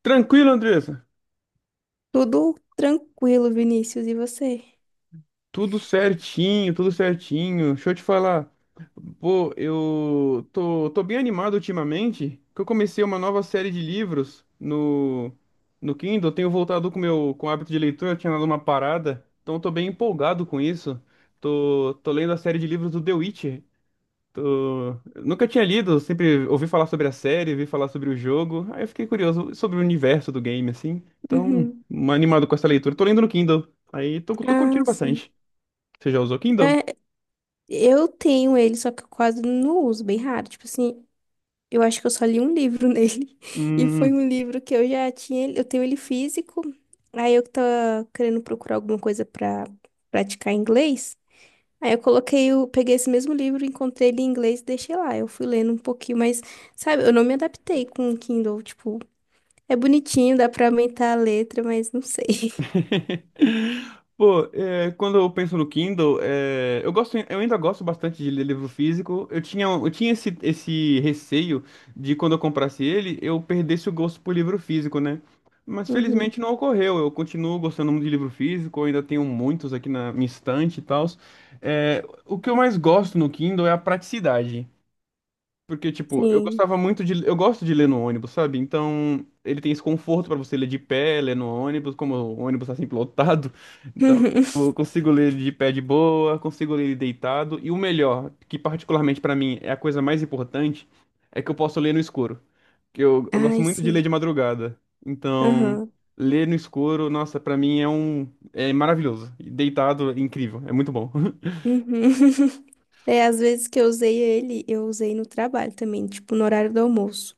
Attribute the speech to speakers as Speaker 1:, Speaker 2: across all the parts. Speaker 1: Tranquilo, Andressa.
Speaker 2: Tudo tranquilo, Vinícius, e você?
Speaker 1: Tudo certinho, tudo certinho. Deixa eu te falar. Pô, eu tô bem animado ultimamente, que eu comecei uma nova série de livros no Kindle. Eu tenho voltado com o meu com o hábito de leitura, eu tinha dado uma parada. Então eu tô bem empolgado com isso. Tô lendo a série de livros do The Witcher. Nunca tinha lido, sempre ouvi falar sobre a série, ouvi falar sobre o jogo. Aí eu fiquei curioso sobre o universo do game, assim. Então,
Speaker 2: Uhum.
Speaker 1: animado com essa leitura. Tô lendo no Kindle. Aí tô curtindo
Speaker 2: Ah, sim.
Speaker 1: bastante. Você já usou Kindle?
Speaker 2: É, eu tenho ele, só que eu quase não uso, bem raro. Tipo assim, eu acho que eu só li um livro nele. E foi
Speaker 1: Hum.
Speaker 2: um livro que eu já tinha, eu tenho ele físico. Aí eu que tava querendo procurar alguma coisa pra praticar inglês. Aí eu coloquei, o peguei esse mesmo livro, encontrei ele em inglês e deixei lá. Eu fui lendo um pouquinho, mas, sabe, eu não me adaptei com o Kindle. Tipo, é bonitinho, dá pra aumentar a letra, mas não sei.
Speaker 1: Pô, é, quando eu penso no Kindle, é, eu gosto, eu ainda gosto bastante de ler livro físico. Eu tinha esse receio de quando eu comprasse ele, eu perdesse o gosto por livro físico, né? Mas
Speaker 2: Uhum.
Speaker 1: felizmente não ocorreu. Eu continuo gostando muito de livro físico, eu ainda tenho muitos aqui na minha estante e tal. O que eu mais gosto no Kindle é a praticidade. Porque, tipo, eu
Speaker 2: Sim.
Speaker 1: gostava muito de. Eu gosto de ler no ônibus, sabe? Então, ele tem esse conforto pra você ler de pé, ler no ônibus, como o ônibus tá sempre lotado. Então, eu consigo ler de pé de boa, consigo ler deitado. E o melhor, que particularmente pra mim é a coisa mais importante, é que eu posso ler no escuro. Que eu gosto
Speaker 2: Ai,
Speaker 1: muito de ler
Speaker 2: sim.
Speaker 1: de madrugada. Então,
Speaker 2: Aham.
Speaker 1: ler no escuro, nossa, pra mim é um. É maravilhoso. E deitado, é incrível. É muito bom.
Speaker 2: Uhum. É, às vezes que eu usei ele, eu usei no trabalho também, tipo, no horário do almoço.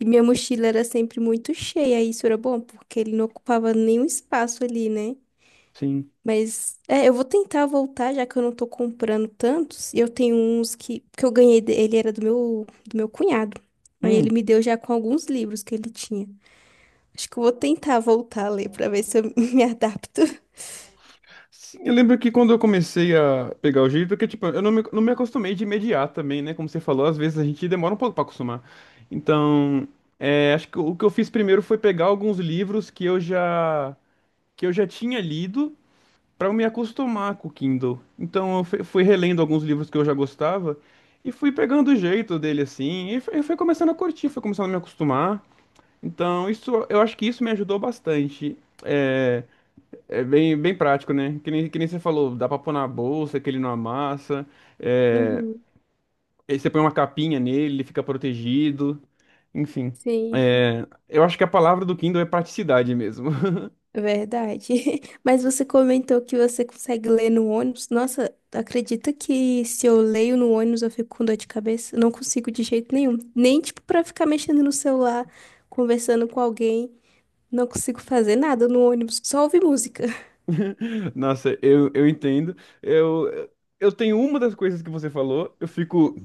Speaker 2: E minha mochila era sempre muito cheia, e isso era bom, porque ele não ocupava nenhum espaço ali, né?
Speaker 1: Sim.
Speaker 2: Mas, é, eu vou tentar voltar, já que eu não tô comprando tantos. E eu tenho uns que eu ganhei, de- ele era do meu cunhado. Aí ele
Speaker 1: Hum.
Speaker 2: me deu já com alguns livros que ele tinha. Acho que eu vou tentar voltar a ler pra ver se eu me adapto.
Speaker 1: Sim, eu lembro que quando eu comecei a pegar o jeito, porque, tipo, eu não me acostumei de imediato também, né? Como você falou, às vezes a gente demora um pouco pra acostumar. Então, é, acho que o que eu fiz primeiro foi pegar alguns livros que eu já tinha lido pra eu me acostumar com o Kindle. Então, eu fui relendo alguns livros que eu já gostava e fui pegando o jeito dele, assim, e foi começando a curtir, foi começando a me acostumar. Então, isso, eu acho que isso me ajudou bastante. É, é bem prático, né? Que nem você falou, dá pra pôr na bolsa, que ele não amassa. É...
Speaker 2: Uhum.
Speaker 1: Aí você põe uma capinha nele, ele fica protegido. Enfim,
Speaker 2: Sim.
Speaker 1: é, eu acho que a palavra do Kindle é praticidade mesmo.
Speaker 2: Verdade. Mas você comentou que você consegue ler no ônibus. Nossa, acredita que se eu leio no ônibus eu fico com dor de cabeça? Eu não consigo de jeito nenhum. Nem tipo pra ficar mexendo no celular, conversando com alguém. Não consigo fazer nada no ônibus, só ouvir música.
Speaker 1: Nossa, eu entendo. Eu, eu tenho uma das coisas que você falou, eu fico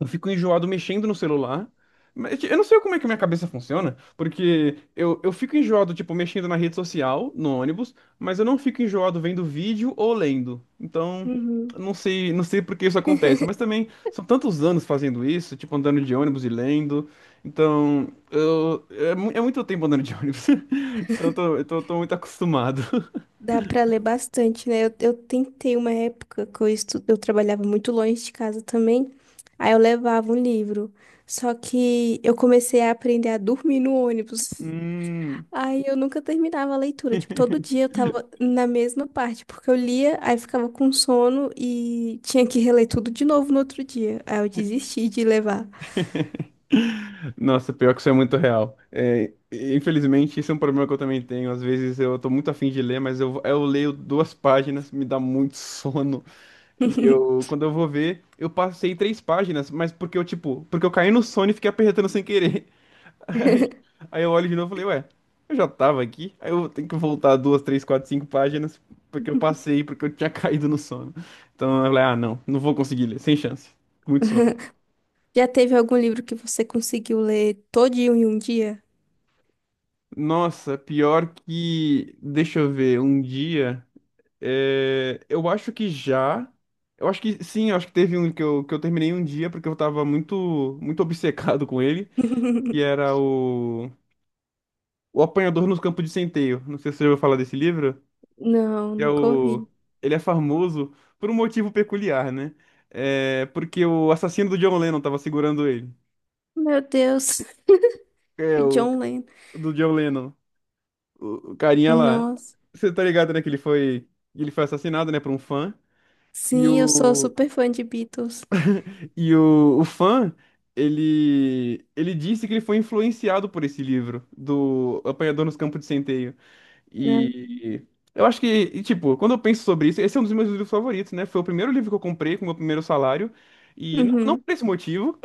Speaker 1: eu fico enjoado mexendo no celular. Mas tipo, eu não sei como é que a minha cabeça funciona, porque eu fico enjoado, tipo, mexendo na rede social, no ônibus, mas eu não fico enjoado vendo vídeo ou lendo. Então, eu
Speaker 2: Uhum.
Speaker 1: não sei, não sei por que isso acontece, mas também são tantos anos fazendo isso, tipo, andando de ônibus e lendo. Então, eu, é, é muito tempo andando de ônibus. Então, eu tô muito acostumado.
Speaker 2: Dá pra ler bastante, né? Eu tentei uma época que eu, eu trabalhava muito longe de casa também. Aí eu levava um livro. Só que eu comecei a aprender a dormir no ônibus.
Speaker 1: Hum.
Speaker 2: Aí eu nunca terminava a leitura. Tipo, todo dia eu tava na mesma parte, porque eu lia, aí ficava com sono e tinha que reler tudo de novo no outro dia. Aí eu desisti de levar.
Speaker 1: Nossa, pior que isso é muito real. É, infelizmente, isso é um problema que eu também tenho. Às vezes eu tô muito afim de ler, mas eu leio duas páginas, me dá muito sono. E eu, quando eu vou ver, eu passei três páginas, mas porque eu, tipo, porque eu caí no sono e fiquei apertando sem querer. Aí, eu olho de novo e falei, ué, eu já tava aqui. Aí eu tenho que voltar duas, três, quatro, cinco páginas, porque eu passei, porque eu tinha caído no sono. Então eu falei, ah, não, vou conseguir ler, sem chance. Muito sono.
Speaker 2: Já teve algum livro que você conseguiu ler todinho em um dia?
Speaker 1: Nossa, pior que. Deixa eu ver, um dia. É, eu acho que já. Eu acho que sim, eu acho que teve um que eu terminei um dia porque eu tava muito obcecado com ele, que era o. O Apanhador no Campo de Centeio. Não sei se você já ouviu falar desse livro,
Speaker 2: Não,
Speaker 1: que é
Speaker 2: nunca ouvi.
Speaker 1: o. Ele é famoso por um motivo peculiar, né? É porque o assassino do John Lennon tava segurando ele.
Speaker 2: Meu Deus,
Speaker 1: É,
Speaker 2: o
Speaker 1: o
Speaker 2: John Lennon.
Speaker 1: do John Lennon. O carinha lá.
Speaker 2: Nossa.
Speaker 1: Você tá ligado, né? Que ele foi assassinado, né, por um fã. E
Speaker 2: Sim, eu sou super fã de Beatles.
Speaker 1: o fã, ele disse que ele foi influenciado por esse livro, do Apanhador nos Campos de Centeio.
Speaker 2: Né?
Speaker 1: E eu acho que, e, tipo, quando eu penso sobre isso, esse é um dos meus livros favoritos, né? Foi o primeiro livro que eu comprei com o meu primeiro salário. E não,
Speaker 2: Uhum.
Speaker 1: por esse motivo,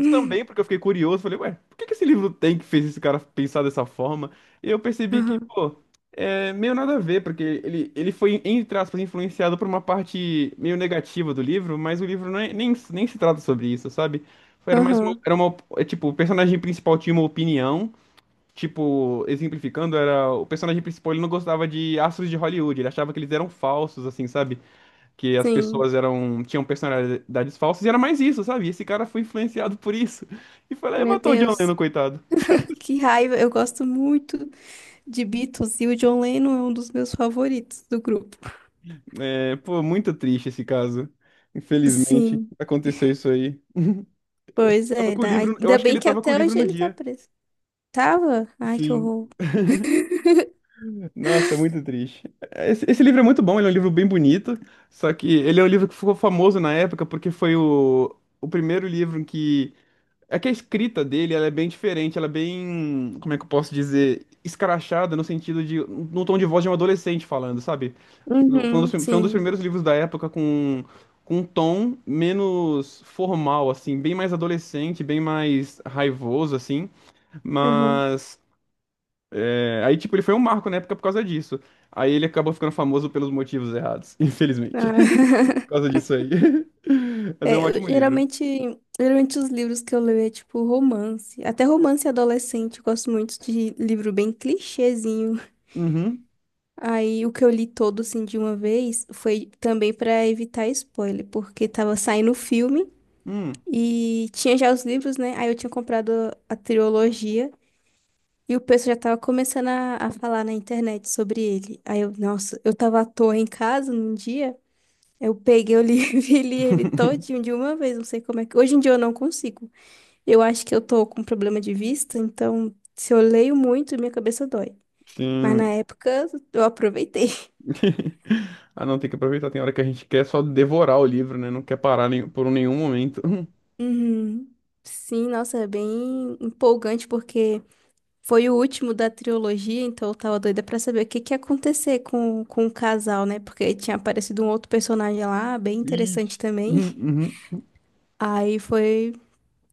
Speaker 1: mas também, porque eu fiquei curioso, falei, ué, por que que esse livro tem que fez esse cara pensar dessa forma? E eu percebi que,
Speaker 2: Aham,
Speaker 1: pô, é meio nada a ver, porque ele foi, entre aspas, influenciado por uma parte meio negativa do livro, mas o livro nem se trata sobre isso, sabe? Era mais uma,
Speaker 2: aham.
Speaker 1: era uma, é, tipo, o personagem principal tinha uma opinião, tipo, exemplificando, era, o personagem principal, ele não gostava de astros de Hollywood, ele achava que eles eram falsos, assim, sabe? Que as
Speaker 2: Sim.
Speaker 1: pessoas eram tinham personalidades falsas e era mais isso, sabe? Esse cara foi influenciado por isso e foi lá e
Speaker 2: Meu
Speaker 1: matou o John Lennon,
Speaker 2: Deus.
Speaker 1: coitado.
Speaker 2: Que raiva, eu gosto muito de Beatles e o John Lennon é um dos meus favoritos do grupo.
Speaker 1: É, pô, muito triste esse caso. Infelizmente,
Speaker 2: Sim,
Speaker 1: aconteceu isso aí.
Speaker 2: pois
Speaker 1: Tava
Speaker 2: é.
Speaker 1: com o livro, eu
Speaker 2: Ainda
Speaker 1: acho que
Speaker 2: bem
Speaker 1: ele
Speaker 2: que
Speaker 1: tava com o
Speaker 2: até
Speaker 1: livro
Speaker 2: hoje
Speaker 1: no
Speaker 2: ele tá
Speaker 1: dia.
Speaker 2: preso. Tava? Ai, que
Speaker 1: Sim.
Speaker 2: horror.
Speaker 1: Nossa, é muito triste. Esse livro é muito bom, ele é um livro bem bonito, só que ele é um livro que ficou famoso na época porque foi o primeiro livro que é que a escrita dele, ela é bem diferente, ela é bem, como é que eu posso dizer, escrachada no sentido de, no tom de voz de um adolescente falando, sabe? Foi um dos,
Speaker 2: Uhum,
Speaker 1: foi um dos
Speaker 2: sim.
Speaker 1: primeiros livros da época com um tom menos formal, assim, bem mais adolescente, bem mais raivoso, assim,
Speaker 2: Uhum.
Speaker 1: mas, é, aí, tipo, ele foi um marco na época por causa disso. Aí ele acabou ficando famoso pelos motivos errados, infelizmente, por
Speaker 2: Ah.
Speaker 1: causa disso aí. Mas é um
Speaker 2: É,
Speaker 1: ótimo livro.
Speaker 2: geralmente, geralmente os livros que eu leio é tipo romance. Até romance adolescente, eu gosto muito de livro bem clichêzinho.
Speaker 1: Uhum.
Speaker 2: Aí o que eu li todo assim de uma vez foi também pra evitar spoiler, porque tava saindo o filme.
Speaker 1: Hum.
Speaker 2: E tinha já os livros, né? Aí eu tinha comprado a trilogia e o pessoal já tava começando a falar na internet sobre ele. Aí eu, nossa, eu tava à toa em casa num dia, eu peguei o livro e li ele todinho de uma vez, não sei como é que. Hoje em dia eu não consigo. Eu acho que eu tô com problema de vista, então se eu leio muito, minha cabeça dói. Mas na
Speaker 1: Sim.
Speaker 2: época eu aproveitei.
Speaker 1: Ah, não, tem que aproveitar. Tem hora que a gente quer só devorar o livro, né? Não quer parar por nenhum momento.
Speaker 2: Uhum. Sim, nossa, é bem empolgante porque foi o último da trilogia, então eu tava doida pra saber o que que ia acontecer com o casal, né? Porque tinha aparecido um outro personagem lá, bem interessante
Speaker 1: Ixi.
Speaker 2: também.
Speaker 1: Uhum, uhum.
Speaker 2: Aí foi.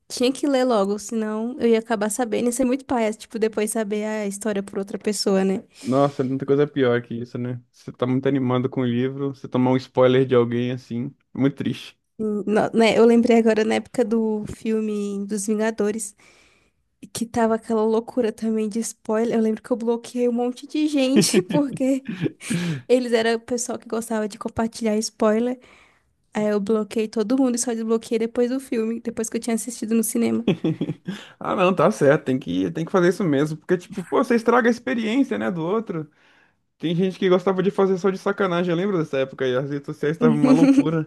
Speaker 2: Tinha que ler logo, senão eu ia acabar sabendo. Isso é muito paia, tipo, depois saber a história por outra pessoa, né?
Speaker 1: Nossa, muita coisa pior que isso, né? Você tá muito animado com o livro, você tomar um spoiler de alguém assim, é muito triste.
Speaker 2: Né? Eu lembrei agora na época do filme dos Vingadores, que tava aquela loucura também de spoiler. Eu lembro que eu bloqueei um monte de gente, porque eles eram o pessoal que gostava de compartilhar spoiler. Aí eu bloqueei todo mundo e só desbloqueei depois do filme, depois que eu tinha assistido no cinema.
Speaker 1: Ah, não, tá certo, tem que fazer isso mesmo, porque, tipo, pô, você estraga a experiência, né, do outro. Tem gente que gostava de fazer só de sacanagem, eu lembro dessa época aí, as redes sociais estavam uma loucura.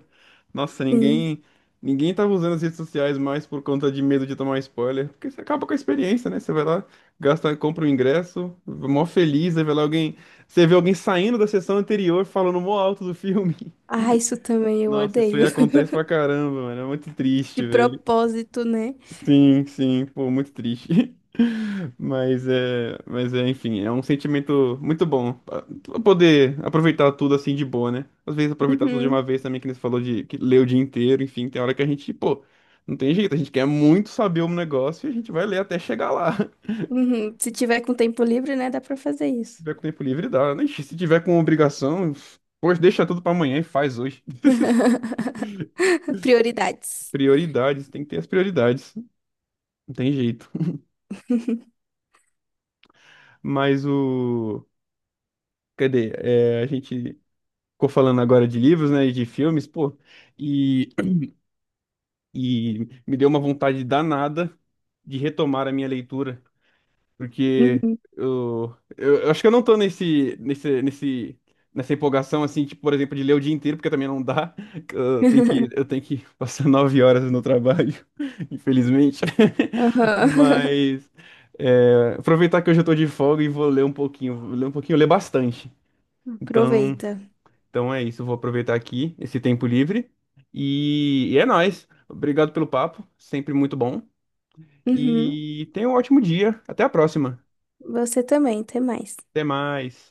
Speaker 1: Nossa,
Speaker 2: Sim.
Speaker 1: ninguém tava usando as redes sociais mais por conta de medo de tomar spoiler, porque você acaba com a experiência, né? Você vai lá, gasta, compra o ingresso, mó feliz, aí vai lá alguém, você vê alguém saindo da sessão anterior falando mó alto do filme.
Speaker 2: Ah, isso também eu
Speaker 1: Nossa, isso aí
Speaker 2: odeio.
Speaker 1: acontece pra caramba, mano, é muito
Speaker 2: De
Speaker 1: triste, velho.
Speaker 2: propósito, né?
Speaker 1: Sim, pô, muito triste. Mas é, enfim, é um sentimento muito bom pra poder aproveitar tudo assim de boa, né? Às vezes aproveitar tudo de uma
Speaker 2: Uhum,
Speaker 1: vez também, que nem você falou de que ler o dia inteiro, enfim, tem hora que a gente, pô, não tem jeito, a gente quer muito saber um negócio e a gente vai ler até chegar lá. Se
Speaker 2: uhum. Se tiver com tempo livre, né, dá pra fazer isso.
Speaker 1: tiver com tempo livre, dá. Né? Ixi, se tiver com obrigação, poxa, deixa tudo pra amanhã e faz hoje.
Speaker 2: Prioridades.
Speaker 1: Prioridades, tem que ter as prioridades, não tem jeito. Mas o cadê? É, a gente ficou falando agora de livros, né, e de filmes, pô, e, e me deu uma vontade danada de retomar a minha leitura, porque
Speaker 2: Uhum.
Speaker 1: eu acho que eu não tô nessa empolgação, assim, tipo, por exemplo, de ler o dia inteiro, porque também não dá, que eu tenho que passar 9 horas no trabalho, infelizmente,
Speaker 2: Aham.
Speaker 1: mas é, aproveitar que hoje eu tô de folga e vou ler um pouquinho, vou ler um pouquinho, ler bastante, então...
Speaker 2: Aproveita.
Speaker 1: Então é isso, vou aproveitar aqui esse tempo livre. E é nóis. Obrigado pelo papo, sempre muito bom.
Speaker 2: Uhum.
Speaker 1: E tenha um ótimo dia. Até a próxima.
Speaker 2: Você também, até mais.
Speaker 1: Até mais.